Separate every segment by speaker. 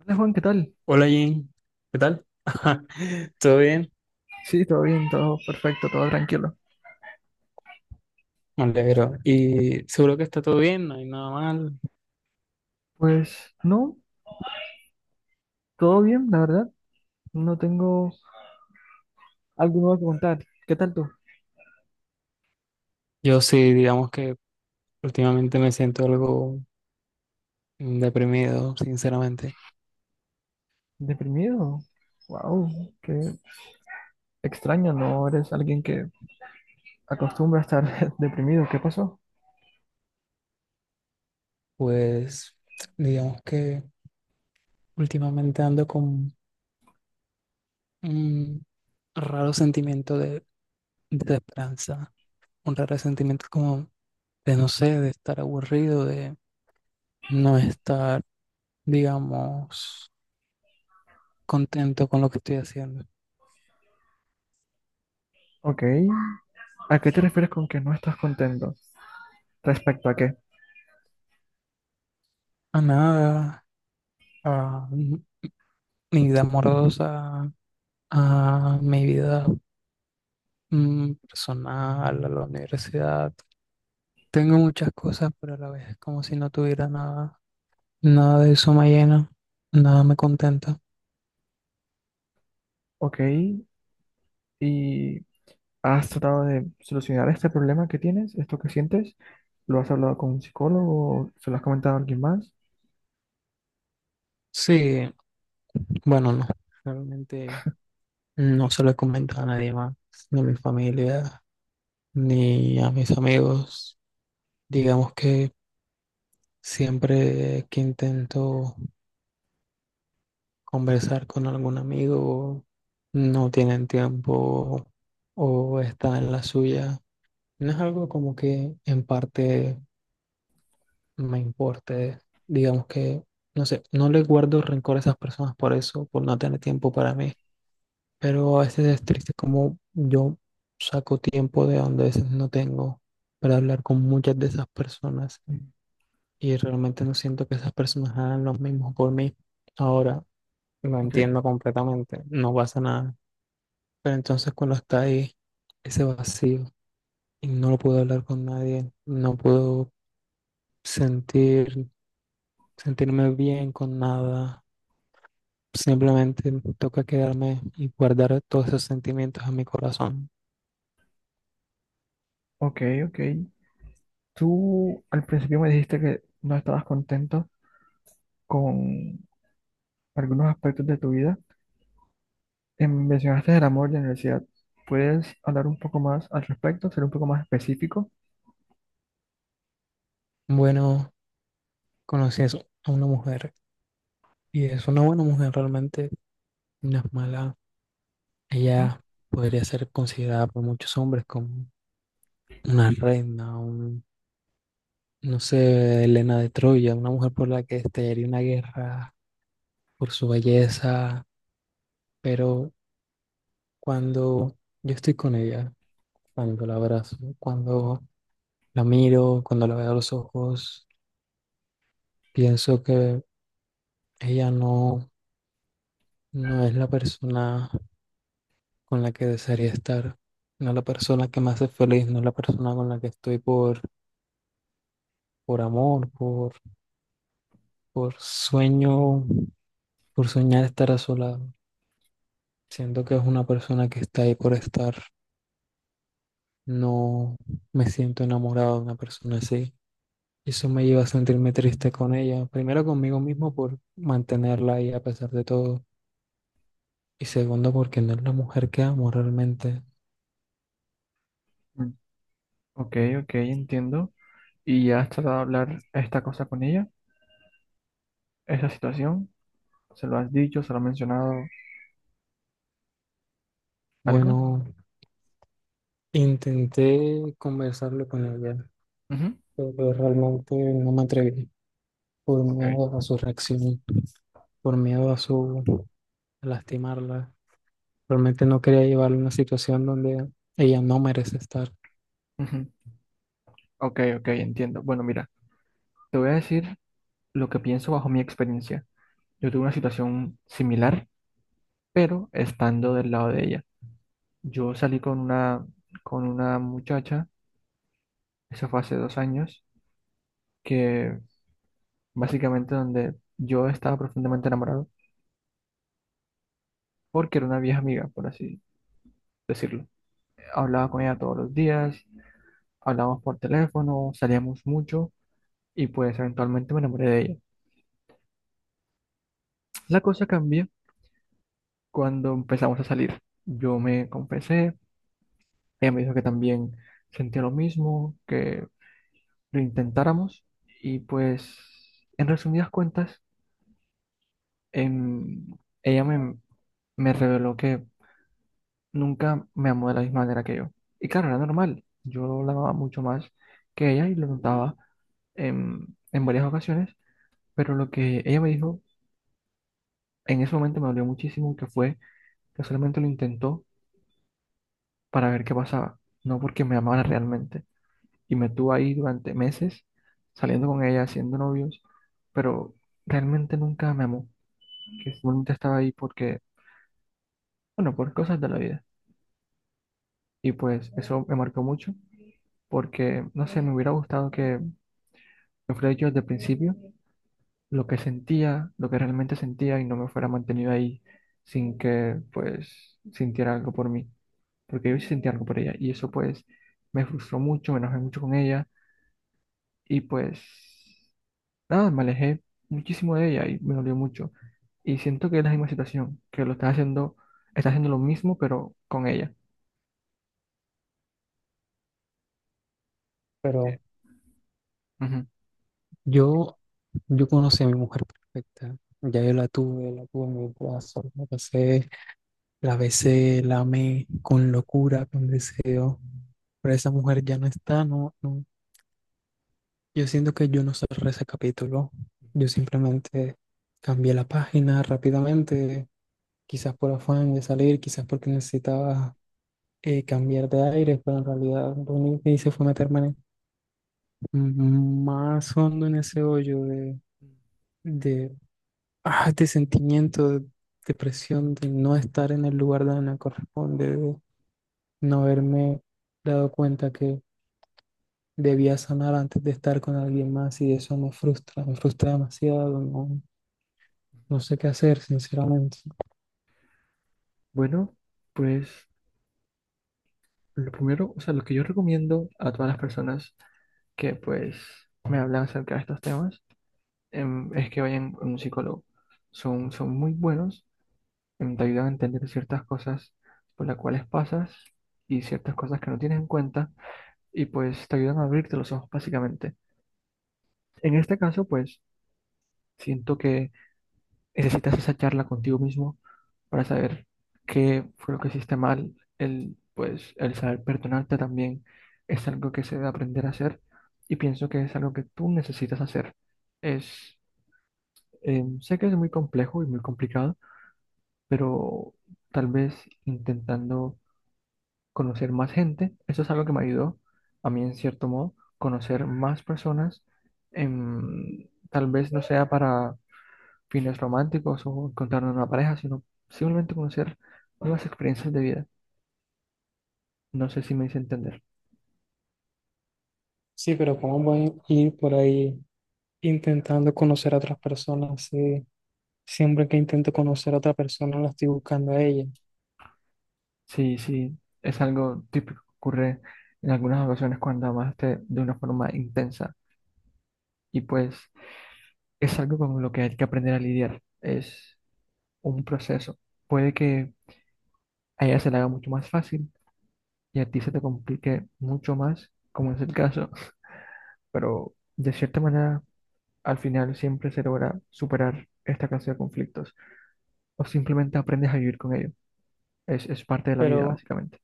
Speaker 1: Hola Juan, ¿qué tal?
Speaker 2: Hola Jane, ¿qué tal? ¿Todo bien?
Speaker 1: Sí, todo bien, todo perfecto, todo tranquilo.
Speaker 2: Me alegro. Y seguro que está todo bien, no hay nada mal.
Speaker 1: Pues no, todo bien, la verdad. No tengo algo nuevo que contar. ¿Qué tal tú?
Speaker 2: Yo sí, digamos que últimamente me siento algo deprimido, sinceramente.
Speaker 1: ¿Deprimido? Wow, qué extraño, no eres alguien que acostumbra a estar deprimido. ¿Qué pasó?
Speaker 2: Pues digamos que últimamente ando con un raro sentimiento de desesperanza, un raro sentimiento como de no sé, de estar aburrido, de no estar, digamos, contento con lo que estoy haciendo.
Speaker 1: Ok, ¿a qué te refieres con que no estás contento? ¿Respecto a qué?
Speaker 2: A nada, a mi vida amorosa, a mi vida personal, a la universidad. Tengo muchas cosas, pero a la vez es como si no tuviera nada. Nada de eso me llena, nada me contenta.
Speaker 1: Ok, ¿y has tratado de solucionar este problema que tienes, esto que sientes? ¿Lo has hablado con un psicólogo? ¿Se lo has comentado a alguien más?
Speaker 2: Sí, bueno, no, realmente no se lo he comentado a nadie más, ni a mi familia, ni a mis amigos. Digamos que siempre que intento conversar con algún amigo, no tienen tiempo o están en la suya. No es algo como que en parte me importe, digamos que, no sé, no le guardo rencor a esas personas por eso, por no tener tiempo para mí, pero a veces es triste como yo saco tiempo de donde a veces no tengo para hablar con muchas de esas personas
Speaker 1: Mm,
Speaker 2: y realmente no siento que esas personas hagan lo mismo por mí. Ahora, lo
Speaker 1: ok.
Speaker 2: entiendo completamente, no pasa nada. Pero entonces cuando está ahí, ese vacío, y no lo puedo hablar con nadie, no puedo sentir, sentirme bien con nada, simplemente me toca quedarme y guardar todos esos sentimientos en mi corazón.
Speaker 1: Ok, ok. Tú al principio me dijiste que no estabas contento con algunos aspectos de tu vida. Mencionaste el amor y la universidad. ¿Puedes hablar un poco más al respecto? ¿Ser un poco más específico?
Speaker 2: Bueno, conocí a a una mujer y es una buena mujer realmente, no es mala.
Speaker 1: Ujú.
Speaker 2: Ella podría ser considerada por muchos hombres como una reina, un, no sé, Helena de Troya, una mujer por la que estallaría una guerra por su belleza. Pero cuando yo estoy con ella, cuando la abrazo, cuando la miro, cuando la veo a los ojos, pienso que ella no, no es la persona con la que desearía estar, no es la persona que me hace feliz, no es la persona con la que estoy por amor, por sueño, por soñar estar a su lado. Siento que es una persona que está ahí por estar. No me siento enamorado de una persona así. Eso me lleva a sentirme triste con ella. Primero conmigo mismo por mantenerla ahí a pesar de todo. Y segundo porque no es la mujer que amo realmente.
Speaker 1: Mm. Ok, ok, entiendo. ¿Y ya has tratado de hablar esta cosa con ella? ¿Esta situación? ¿Se lo has dicho? ¿Se lo has mencionado algo?
Speaker 2: Bueno, intenté conversarlo con ella,
Speaker 1: Ujú.
Speaker 2: pero realmente no me atreví por
Speaker 1: Ok.
Speaker 2: miedo a su reacción, por miedo a su a lastimarla. Realmente no quería llevarla a una situación donde ella no merece estar.
Speaker 1: Ujú. Ok, ok, entiendo. Bueno, mira, te voy a decir lo que pienso bajo mi experiencia. Yo tuve una situación similar, pero estando del lado de ella. Yo salí con una muchacha, eso fue hace 2 años, que básicamente donde yo estaba profundamente enamorado, porque era una vieja amiga, por así decirlo. Hablaba con ella todos los días, hablábamos por teléfono, salíamos mucho y pues eventualmente me enamoré de ella. La cosa cambió cuando empezamos a salir. Yo me confesé, ella me dijo que también sentía lo mismo, que lo intentáramos y pues en resumidas cuentas em, ella me reveló que nunca me amó de la misma manera que yo. Y claro, era normal, yo la amaba mucho más que ella y lo notaba en varias ocasiones, pero lo que ella me dijo en ese momento me dolió muchísimo, que fue que solamente lo intentó para ver qué pasaba, no porque me amara realmente. Y me tuvo ahí durante meses saliendo con ella, haciendo novios, pero realmente nunca me amó, que simplemente estaba ahí porque, bueno, por cosas de la vida. Y pues eso me marcó mucho porque, no sé, me hubiera gustado que me fuera dicho desde el principio lo que sentía, lo que realmente sentía y no me fuera mantenido ahí sin que, pues, sintiera algo por mí. Porque yo sí sentía algo por ella y eso, pues, me frustró mucho, me enojé mucho con ella y, pues, nada, me alejé muchísimo de ella y me dolió mucho. Y siento que es la misma situación, que lo estás haciendo lo mismo pero con ella.
Speaker 2: Pero
Speaker 1: Ujú.
Speaker 2: yo, yo conocí a mi mujer perfecta. Ya yo la tuve en mi brazo, la pasé. La besé, la amé con locura, con deseo. Pero esa mujer ya no está, no, no. Yo siento que yo no cerré ese capítulo. Yo simplemente cambié la página rápidamente, quizás por afán de salir, quizás porque necesitaba cambiar de aire, pero en realidad lo único que hice fue meterme más hondo en ese hoyo de, de sentimiento, de depresión, de no estar en el lugar donde me corresponde, no haberme dado cuenta que debía sanar antes de estar con alguien más y eso me frustra demasiado, no, no sé qué hacer, sinceramente.
Speaker 1: Bueno, pues lo primero, o sea, lo que yo recomiendo a todas las personas que pues me hablan acerca de estos temas es que vayan a un psicólogo. Son muy buenos, te ayudan a entender ciertas cosas por las cuales pasas y ciertas cosas que no tienes en cuenta y pues te ayudan a abrirte los ojos básicamente. En este caso, pues siento que necesitas esa charla contigo mismo para saber qué fue lo que hiciste mal. El, pues, el saber perdonarte también es algo que se debe aprender a hacer y pienso que es algo que tú necesitas hacer. Es, sé que es muy complejo y muy complicado, pero tal vez intentando conocer más gente, eso es algo que me ayudó a mí en cierto modo, conocer más personas, tal vez no sea para fines románticos o encontrar una pareja, sino simplemente conocer nuevas experiencias de vida. No sé si me hice entender.
Speaker 2: Sí, pero ¿cómo voy a ir por ahí intentando conocer a otras personas? Sí, siempre que intento conocer a otra persona la estoy buscando a ella.
Speaker 1: Sí, sí, es algo típico que ocurre en algunas ocasiones cuando amaste de una forma intensa y pues es algo con lo que hay que aprender a lidiar. Es un proceso. Puede que a ella se le haga mucho más fácil y a ti se te complique mucho más, como es el caso, pero de cierta manera al final siempre se logra superar esta clase de conflictos, o simplemente aprendes a vivir con ello. Es parte de la vida,
Speaker 2: Pero,
Speaker 1: básicamente.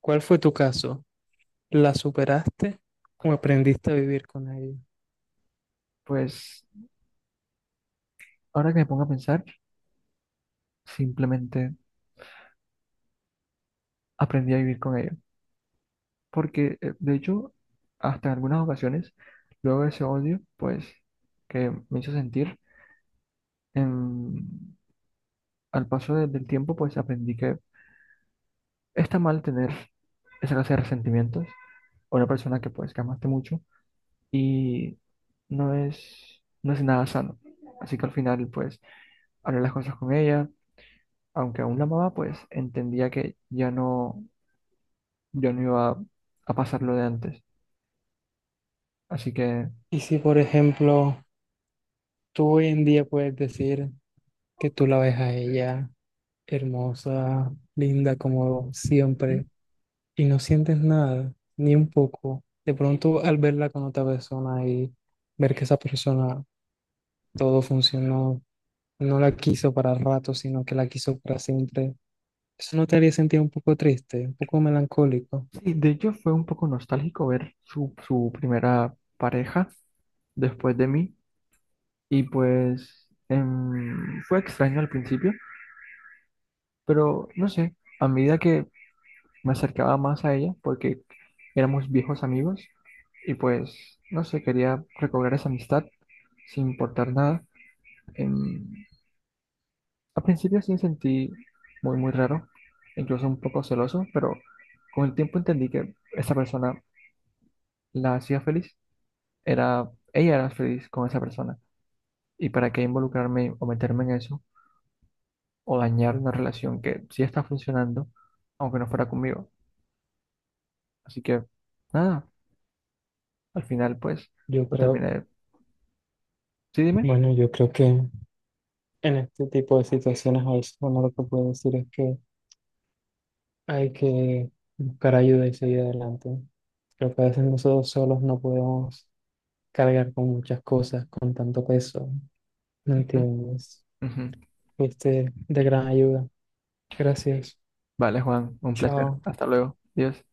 Speaker 2: ¿cuál fue tu caso? ¿La superaste o aprendiste a vivir con ella?
Speaker 1: Pues ahora que me pongo a pensar, simplemente aprendí a vivir con ello. Porque, de hecho, hasta en algunas ocasiones, luego de ese odio, pues, que me hizo sentir, em, al paso del tiempo, pues aprendí que está mal tener esa clase de resentimientos a una persona que, pues, que amaste mucho y no es nada sano. Así que al final, pues, hablé las cosas con ella aunque aún la amaba, pues entendía que ya no iba a pasar lo de antes. Así que
Speaker 2: Y si, por ejemplo, tú hoy en día puedes decir que tú la ves a ella hermosa, linda como
Speaker 1: ujú.
Speaker 2: siempre, y no sientes nada, ni un poco. De pronto al verla con otra persona y ver que esa persona todo funcionó, no la quiso para rato, sino que la quiso para siempre, eso no te haría sentir un poco triste, un poco melancólico.
Speaker 1: Sí, de hecho fue un poco nostálgico ver su primera pareja después de mí y pues fue extraño al principio, pero no sé, a medida que me acercaba más a ella, porque éramos viejos amigos y pues no sé, quería recobrar esa amistad sin importar nada. em, Al principio sí me sentí muy, muy raro, incluso un poco celoso, pero con el tiempo entendí que esa persona la hacía feliz. Ella era feliz con esa persona. ¿Y para qué involucrarme o meterme en eso o dañar una relación que sí está funcionando, aunque no fuera conmigo? Así que nada, al final pues
Speaker 2: Yo
Speaker 1: lo
Speaker 2: creo,
Speaker 1: terminé. Sí, dime.
Speaker 2: bueno, yo creo que en este tipo de situaciones a veces uno lo que puede decir es que hay que buscar ayuda y seguir adelante. Creo que a veces nosotros solos no podemos cargar con muchas cosas, con tanto peso. ¿Me
Speaker 1: Ujú,
Speaker 2: entiendes?
Speaker 1: ujú.
Speaker 2: Fuiste de gran ayuda. Gracias.
Speaker 1: Vale, Juan, un placer.
Speaker 2: Chao.
Speaker 1: Hasta luego. Adiós.